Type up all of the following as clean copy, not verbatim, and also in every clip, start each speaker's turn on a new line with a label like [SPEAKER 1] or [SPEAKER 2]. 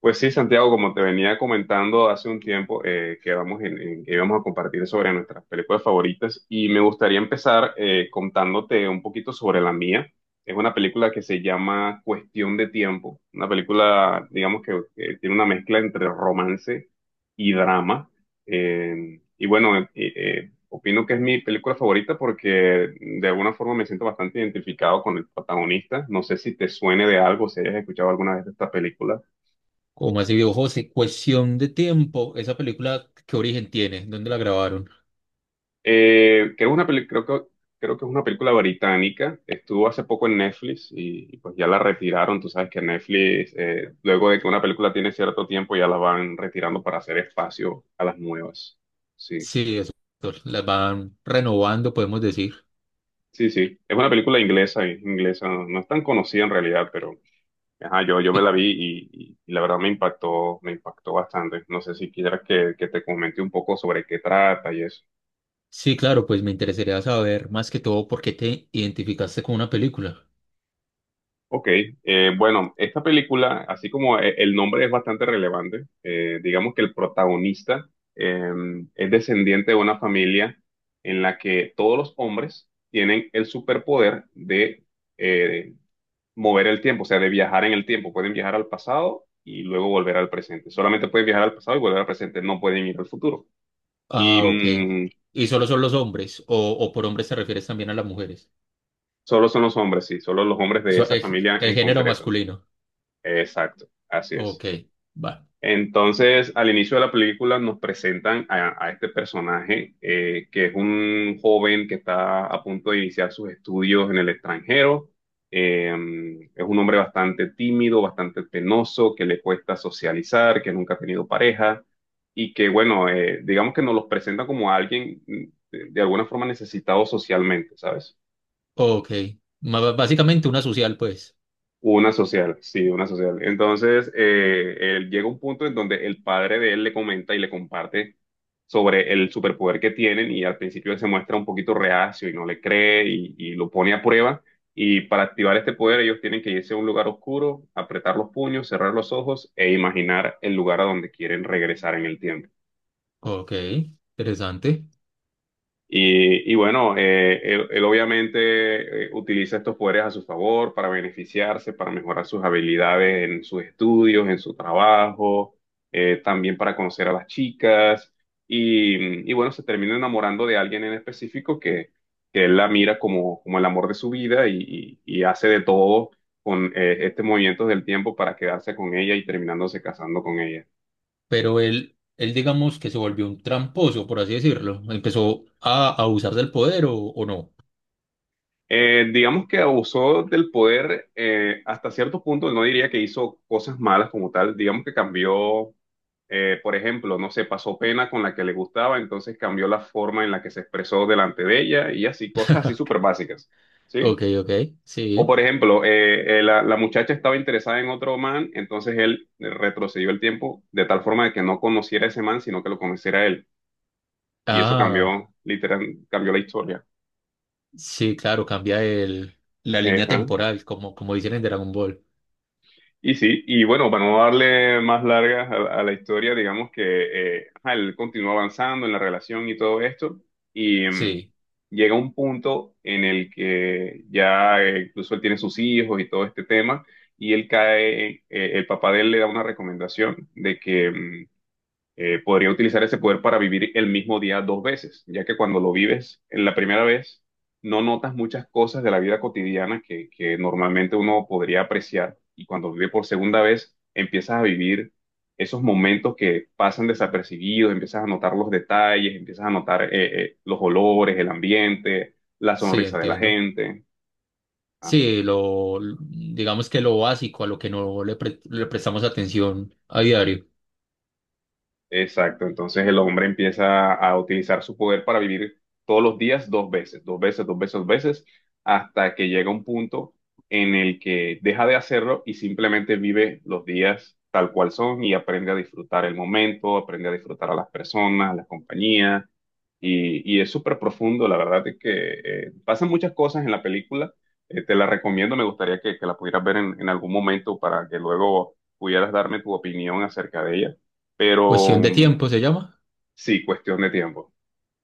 [SPEAKER 1] Pues sí, Santiago, como te venía comentando hace un tiempo, que vamos que íbamos a compartir sobre nuestras películas favoritas y me gustaría empezar, contándote un poquito sobre la mía. Es una película que se llama Cuestión de Tiempo, una película, digamos que tiene una mezcla entre romance y drama. Bueno, opino que es mi película favorita porque de alguna forma me siento bastante identificado con el protagonista. No sé si te suene de algo, si hayas escuchado alguna vez de esta película.
[SPEAKER 2] ¿Como así, viejo José? Cuestión de tiempo. ¿Esa película qué origen tiene? ¿Dónde la grabaron?
[SPEAKER 1] Creo, una peli- creo que, Creo que es una película británica. Estuvo hace poco en Netflix y pues ya la retiraron. Tú sabes que Netflix, luego de que una película tiene cierto tiempo, ya la van retirando para hacer espacio a las nuevas. Sí,
[SPEAKER 2] Sí, eso. Las van renovando, podemos decir.
[SPEAKER 1] sí, sí. Es una película inglesa, inglesa. No, no es tan conocida en realidad, pero ajá, yo me la
[SPEAKER 2] Y-
[SPEAKER 1] vi y la verdad me impactó bastante. No sé si quieras que te comente un poco sobre qué trata y eso.
[SPEAKER 2] sí, claro, pues me interesaría saber más que todo por qué te identificaste con una película.
[SPEAKER 1] Ok, bueno, esta película, así como el nombre es bastante relevante, digamos que el protagonista eh, es descendiente de una familia en la que todos los hombres tienen el superpoder de, eh, mover el tiempo, o sea, de viajar en el tiempo. Pueden viajar al pasado y luego volver al presente. Solamente pueden viajar al pasado y volver al presente, no pueden ir al futuro. Y
[SPEAKER 2] Ah, ok.
[SPEAKER 1] mm,
[SPEAKER 2] ¿Y solo son los hombres? ¿O por hombres te refieres también a las mujeres?
[SPEAKER 1] solo son los hombres, sí, solo los hombres de
[SPEAKER 2] So-
[SPEAKER 1] esa
[SPEAKER 2] el,
[SPEAKER 1] familia
[SPEAKER 2] el
[SPEAKER 1] en
[SPEAKER 2] género
[SPEAKER 1] concreto.
[SPEAKER 2] masculino.
[SPEAKER 1] Exacto, así
[SPEAKER 2] Ok,
[SPEAKER 1] es.
[SPEAKER 2] va.
[SPEAKER 1] Entonces, al inicio de la película nos presentan a este personaje, que es un joven que está a punto de iniciar sus estudios en el extranjero. Eh, es un hombre bastante tímido, bastante penoso, que le cuesta socializar, que nunca ha tenido pareja y que, bueno, digamos que nos los presenta como alguien, de alguna forma necesitado socialmente, ¿sabes?
[SPEAKER 2] Ok. Básicamente una social, pues.
[SPEAKER 1] Una social, sí, una social. Entonces, él llega un punto en donde el padre de él le comenta y le comparte sobre el superpoder que tienen y al principio él se muestra un poquito reacio y no le cree y lo pone a prueba. Y para activar este poder ellos tienen que irse a un lugar oscuro, apretar los puños, cerrar los ojos e imaginar el lugar a donde quieren regresar en el tiempo.
[SPEAKER 2] Ok, interesante.
[SPEAKER 1] Bueno, él obviamente, utiliza estos poderes a su favor para beneficiarse, para mejorar sus habilidades en sus estudios, en su trabajo, también para conocer a las chicas. Bueno, se termina enamorando de alguien en específico que él la mira como, como el amor de su vida y hace de todo con, este movimiento del tiempo para quedarse con ella y terminándose casando con ella.
[SPEAKER 2] Pero él digamos que se volvió un tramposo, por así decirlo. Empezó a abusar del poder, o no.
[SPEAKER 1] Digamos que abusó del poder, hasta cierto punto, no diría que hizo cosas malas como tal, digamos que cambió, por ejemplo, no sé, pasó pena con la que le gustaba, entonces cambió la forma en la que se expresó delante de ella y así, cosas así súper básicas, ¿sí?
[SPEAKER 2] Ok, ok,
[SPEAKER 1] O
[SPEAKER 2] sí.
[SPEAKER 1] por ejemplo, la muchacha estaba interesada en otro man, entonces él retrocedió el tiempo de tal forma de que no conociera a ese man, sino que lo conociera a él. Y eso
[SPEAKER 2] Ah,
[SPEAKER 1] cambió, literal, cambió la historia.
[SPEAKER 2] sí, claro, cambia la línea
[SPEAKER 1] Ajá.
[SPEAKER 2] temporal, como, como dicen en Dragon Ball.
[SPEAKER 1] Y sí, y bueno, para no darle más largas a la historia, digamos que, ajá, él continúa avanzando en la relación y todo esto, y
[SPEAKER 2] Sí,
[SPEAKER 1] llega un punto en el que ya, incluso él tiene sus hijos y todo este tema, y él cae, el papá de él le da una recomendación de que, podría utilizar ese poder para vivir el mismo día dos veces, ya que cuando lo vives en la primera vez, no notas muchas cosas de la vida cotidiana que normalmente uno podría apreciar y cuando vive por segunda vez, empiezas a vivir esos momentos que pasan desapercibidos, empiezas a notar los detalles, empiezas a notar, los olores, el ambiente, la
[SPEAKER 2] sí,
[SPEAKER 1] sonrisa de la
[SPEAKER 2] entiendo.
[SPEAKER 1] gente. ¿Ah?
[SPEAKER 2] Sí, digamos que lo básico, a lo que no le prestamos atención a diario.
[SPEAKER 1] Exacto, entonces el hombre empieza a utilizar su poder para vivir todos los días dos veces, dos veces, dos veces, dos veces, hasta que llega un punto en el que deja de hacerlo y simplemente vive los días tal cual son y aprende a disfrutar el momento, aprende a disfrutar a las personas, a la compañía, es súper profundo, la verdad es que, pasan muchas cosas en la película. Te la recomiendo, me gustaría que la pudieras ver en algún momento para que luego pudieras darme tu opinión acerca de ella, pero
[SPEAKER 2] Cuestión de tiempo se llama.
[SPEAKER 1] sí, cuestión de tiempo,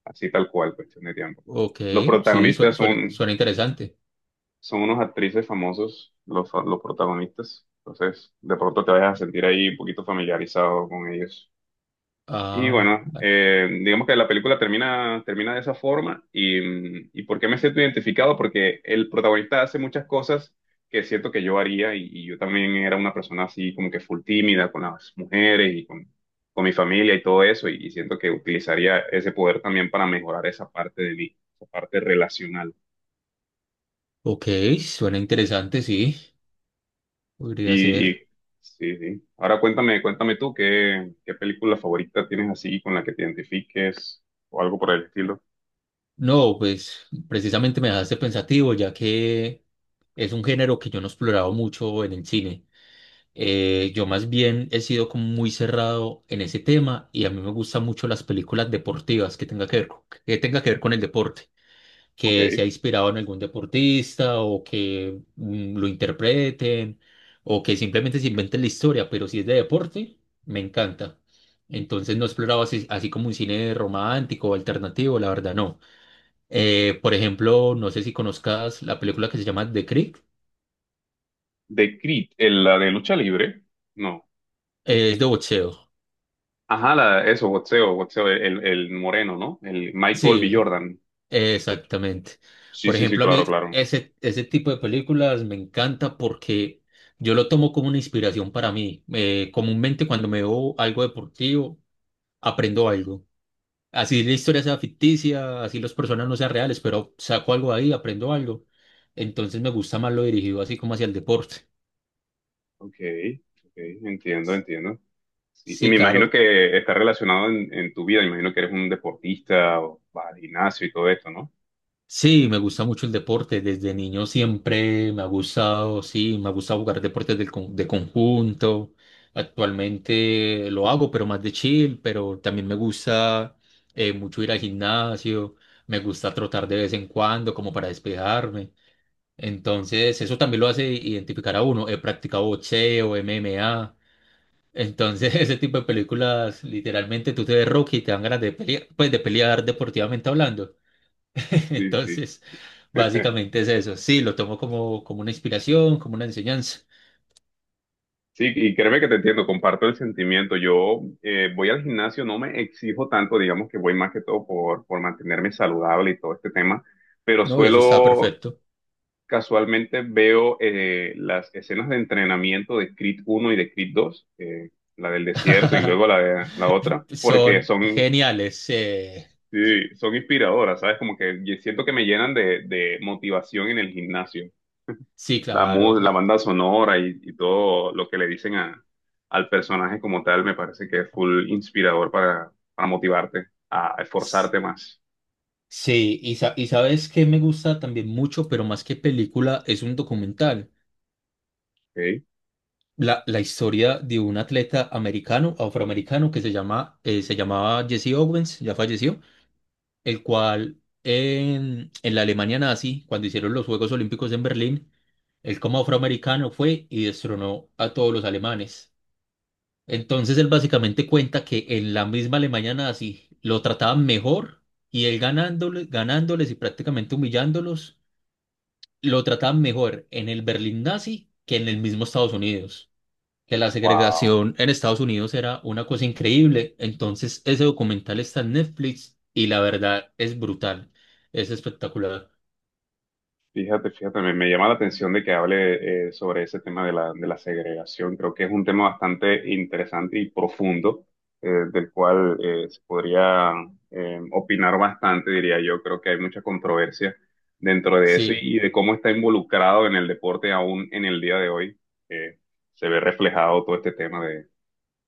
[SPEAKER 1] así tal cual, cuestión de tiempo.
[SPEAKER 2] Ok,
[SPEAKER 1] Los
[SPEAKER 2] sí,
[SPEAKER 1] protagonistas
[SPEAKER 2] suena,
[SPEAKER 1] son,
[SPEAKER 2] suena interesante.
[SPEAKER 1] son unos actrices famosos, los protagonistas, entonces de pronto te vas a sentir ahí un poquito familiarizado con ellos. Y
[SPEAKER 2] Ah,
[SPEAKER 1] bueno,
[SPEAKER 2] bueno.
[SPEAKER 1] digamos que la película termina, termina de esa forma y, y ¿por qué me siento identificado? Porque el protagonista hace muchas cosas que siento que yo haría y yo también era una persona así como que full tímida con las mujeres y con mi familia y todo eso y siento que utilizaría ese poder también para mejorar esa parte de mí, esa parte relacional.
[SPEAKER 2] Ok, suena interesante, sí. Podría
[SPEAKER 1] Y, y
[SPEAKER 2] ser.
[SPEAKER 1] sí, sí. Ahora cuéntame, cuéntame tú qué, qué película favorita tienes así con la que te identifiques o algo por el estilo.
[SPEAKER 2] No, pues precisamente me dejaste pensativo, ya que es un género que yo no he explorado mucho en el cine. Yo más bien he sido como muy cerrado en ese tema y a mí me gustan mucho las películas deportivas que tenga que ver, que tenga que ver con el deporte,
[SPEAKER 1] Ok.
[SPEAKER 2] que sea inspirado en algún deportista o que lo interpreten o que simplemente se inventen la historia, pero si es de deporte, me encanta. Entonces no he explorado así, así como un cine romántico o alternativo, la verdad no. Por ejemplo, no sé si conozcas la película que se llama The Creek,
[SPEAKER 1] De Creed, la de lucha libre, no.
[SPEAKER 2] es de boxeo.
[SPEAKER 1] Ajá, la, eso, boxeo, boxeo, el moreno, ¿no? El Michael B.
[SPEAKER 2] Sí,
[SPEAKER 1] Jordan.
[SPEAKER 2] exactamente.
[SPEAKER 1] Sí,
[SPEAKER 2] Por
[SPEAKER 1] sí, sí,
[SPEAKER 2] ejemplo, a
[SPEAKER 1] claro,
[SPEAKER 2] mí
[SPEAKER 1] claro.
[SPEAKER 2] ese, ese tipo de películas me encanta porque yo lo tomo como una inspiración para mí. Comúnmente cuando me veo algo deportivo, aprendo algo. Así la historia sea ficticia, así las personas no sean reales, pero saco algo ahí, aprendo algo. Entonces me gusta más lo dirigido así como hacia el deporte.
[SPEAKER 1] Ok, ok, entiendo, entiendo. Sí, y
[SPEAKER 2] Sí,
[SPEAKER 1] me imagino
[SPEAKER 2] claro.
[SPEAKER 1] que está relacionado en tu vida, me imagino que eres un deportista o vas al gimnasio y todo esto, ¿no?
[SPEAKER 2] Sí, me gusta mucho el deporte. Desde niño siempre me ha gustado, sí, me ha gustado jugar deportes de conjunto. Actualmente lo hago, pero más de chill, pero también me gusta mucho ir al gimnasio, me gusta trotar de vez en cuando como para despejarme. Entonces, eso también lo hace identificar a uno. He practicado boxeo, M M A. Entonces, ese tipo de películas, literalmente tú te ves Rocky y te dan ganas de pelear, pues de pelear deportivamente hablando.
[SPEAKER 1] Sí, sí.
[SPEAKER 2] Entonces, básicamente es eso. Sí, lo tomo como, como una inspiración, como una enseñanza.
[SPEAKER 1] Sí, y créeme que te entiendo, comparto el sentimiento. Yo, voy al gimnasio, no me exijo tanto, digamos que voy más que todo por mantenerme saludable y todo este tema, pero
[SPEAKER 2] No, y eso está
[SPEAKER 1] suelo
[SPEAKER 2] perfecto.
[SPEAKER 1] casualmente veo, las escenas de entrenamiento de Creed uno y de Creed dos, la del desierto y luego la, la otra, porque
[SPEAKER 2] Son
[SPEAKER 1] son,
[SPEAKER 2] geniales.
[SPEAKER 1] sí, son inspiradoras, ¿sabes? Como que siento que me llenan de motivación en el gimnasio.
[SPEAKER 2] Sí,
[SPEAKER 1] La,
[SPEAKER 2] claro.
[SPEAKER 1] la banda sonora y todo lo que le dicen al personaje como tal me parece que es full inspirador para motivarte a
[SPEAKER 2] S-
[SPEAKER 1] esforzarte más.
[SPEAKER 2] Sí, y, y sabes que me gusta también mucho, pero más que película, es un documental.
[SPEAKER 1] ¿Ok?
[SPEAKER 2] La historia de un atleta americano, afroamericano, que se llama, se llamaba Jesse Owens, ya falleció, el cual en la Alemania nazi, cuando hicieron los Juegos Olímpicos en Berlín, él como afroamericano fue y destronó a todos los alemanes. Entonces él básicamente cuenta que en la misma Alemania nazi lo trataban mejor y él ganándoles, ganándoles y prácticamente humillándolos, lo trataban mejor en el Berlín nazi que en el mismo Estados Unidos, que la
[SPEAKER 1] Wow.
[SPEAKER 2] segregación en Estados Unidos era una cosa increíble. Entonces, ese documental está en Netflix y la verdad es brutal, es espectacular.
[SPEAKER 1] Fíjate, fíjate, me llama la atención de que hable, sobre ese tema de la segregación. Creo que es un tema bastante interesante y profundo, del cual, se podría, opinar bastante, diría yo. Creo que hay mucha controversia dentro de eso
[SPEAKER 2] Sí,
[SPEAKER 1] y de cómo está involucrado en el deporte aún en el día de hoy. Eh, Se ve reflejado todo este tema de,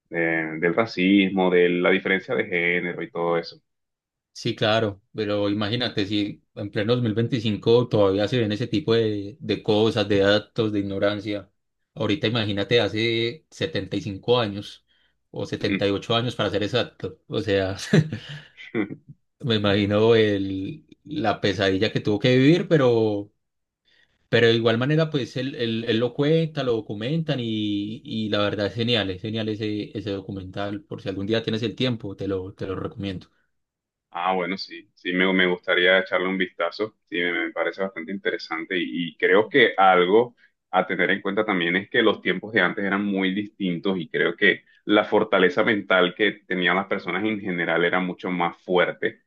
[SPEAKER 1] del racismo, de la diferencia de género y todo eso.
[SPEAKER 2] sí, claro, pero imagínate si en pleno 2025 todavía se ven ese tipo de cosas, de datos, de ignorancia. Ahorita imagínate hace 75 años o 78 años para ser exacto. O sea, me imagino el, la pesadilla que tuvo que vivir, pero de igual manera, pues él lo cuenta, lo documentan y la verdad es genial ese, ese documental, por si algún día tienes el tiempo, te lo recomiendo.
[SPEAKER 1] Ah, bueno, sí, sí, me gustaría echarle un vistazo, sí, me parece bastante interesante y creo que algo a tener en cuenta también es que los tiempos de antes eran muy distintos y creo que la fortaleza mental que tenían las personas en general era mucho más fuerte,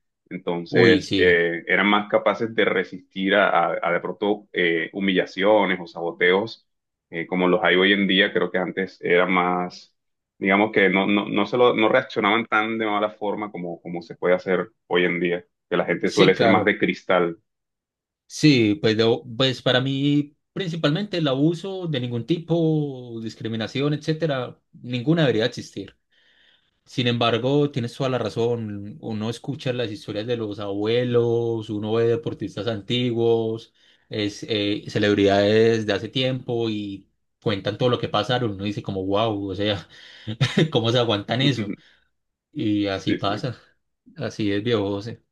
[SPEAKER 2] Uy,
[SPEAKER 1] entonces,
[SPEAKER 2] sí,
[SPEAKER 1] eran más capaces de resistir a de pronto, humillaciones o saboteos, como los hay hoy en día, creo que antes era más, digamos que no, no, no, no reaccionaban tan de mala forma como, como se puede hacer hoy en día, que la gente
[SPEAKER 2] sí,
[SPEAKER 1] suele ser más
[SPEAKER 2] claro.
[SPEAKER 1] de cristal.
[SPEAKER 2] Sí, pues, pues para mí, principalmente el abuso de ningún tipo, discriminación, etcétera, ninguna debería existir. Sin embargo, tienes toda la razón. Uno escucha las historias de los abuelos, uno ve deportistas antiguos, es, celebridades de hace tiempo y cuentan todo lo que pasaron. Uno dice como, wow, o sea, ¿cómo se aguantan eso? Y así
[SPEAKER 1] Sí, sí.
[SPEAKER 2] pasa. Así es, viejo José.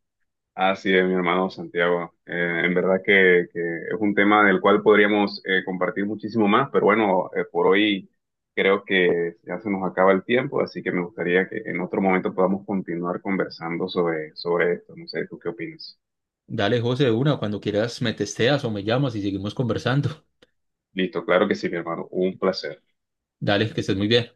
[SPEAKER 1] Así es, mi hermano Santiago. En verdad que es un tema del cual podríamos, compartir muchísimo más, pero bueno, por hoy creo que ya se nos acaba el tiempo, así que me gustaría que en otro momento podamos continuar conversando sobre, sobre esto. No sé, ¿tú qué opinas?
[SPEAKER 2] Dale, José, de una, cuando quieras me testeas o me llamas y seguimos conversando.
[SPEAKER 1] Listo, claro que sí, mi hermano. Un placer.
[SPEAKER 2] Dale, que estés muy bien.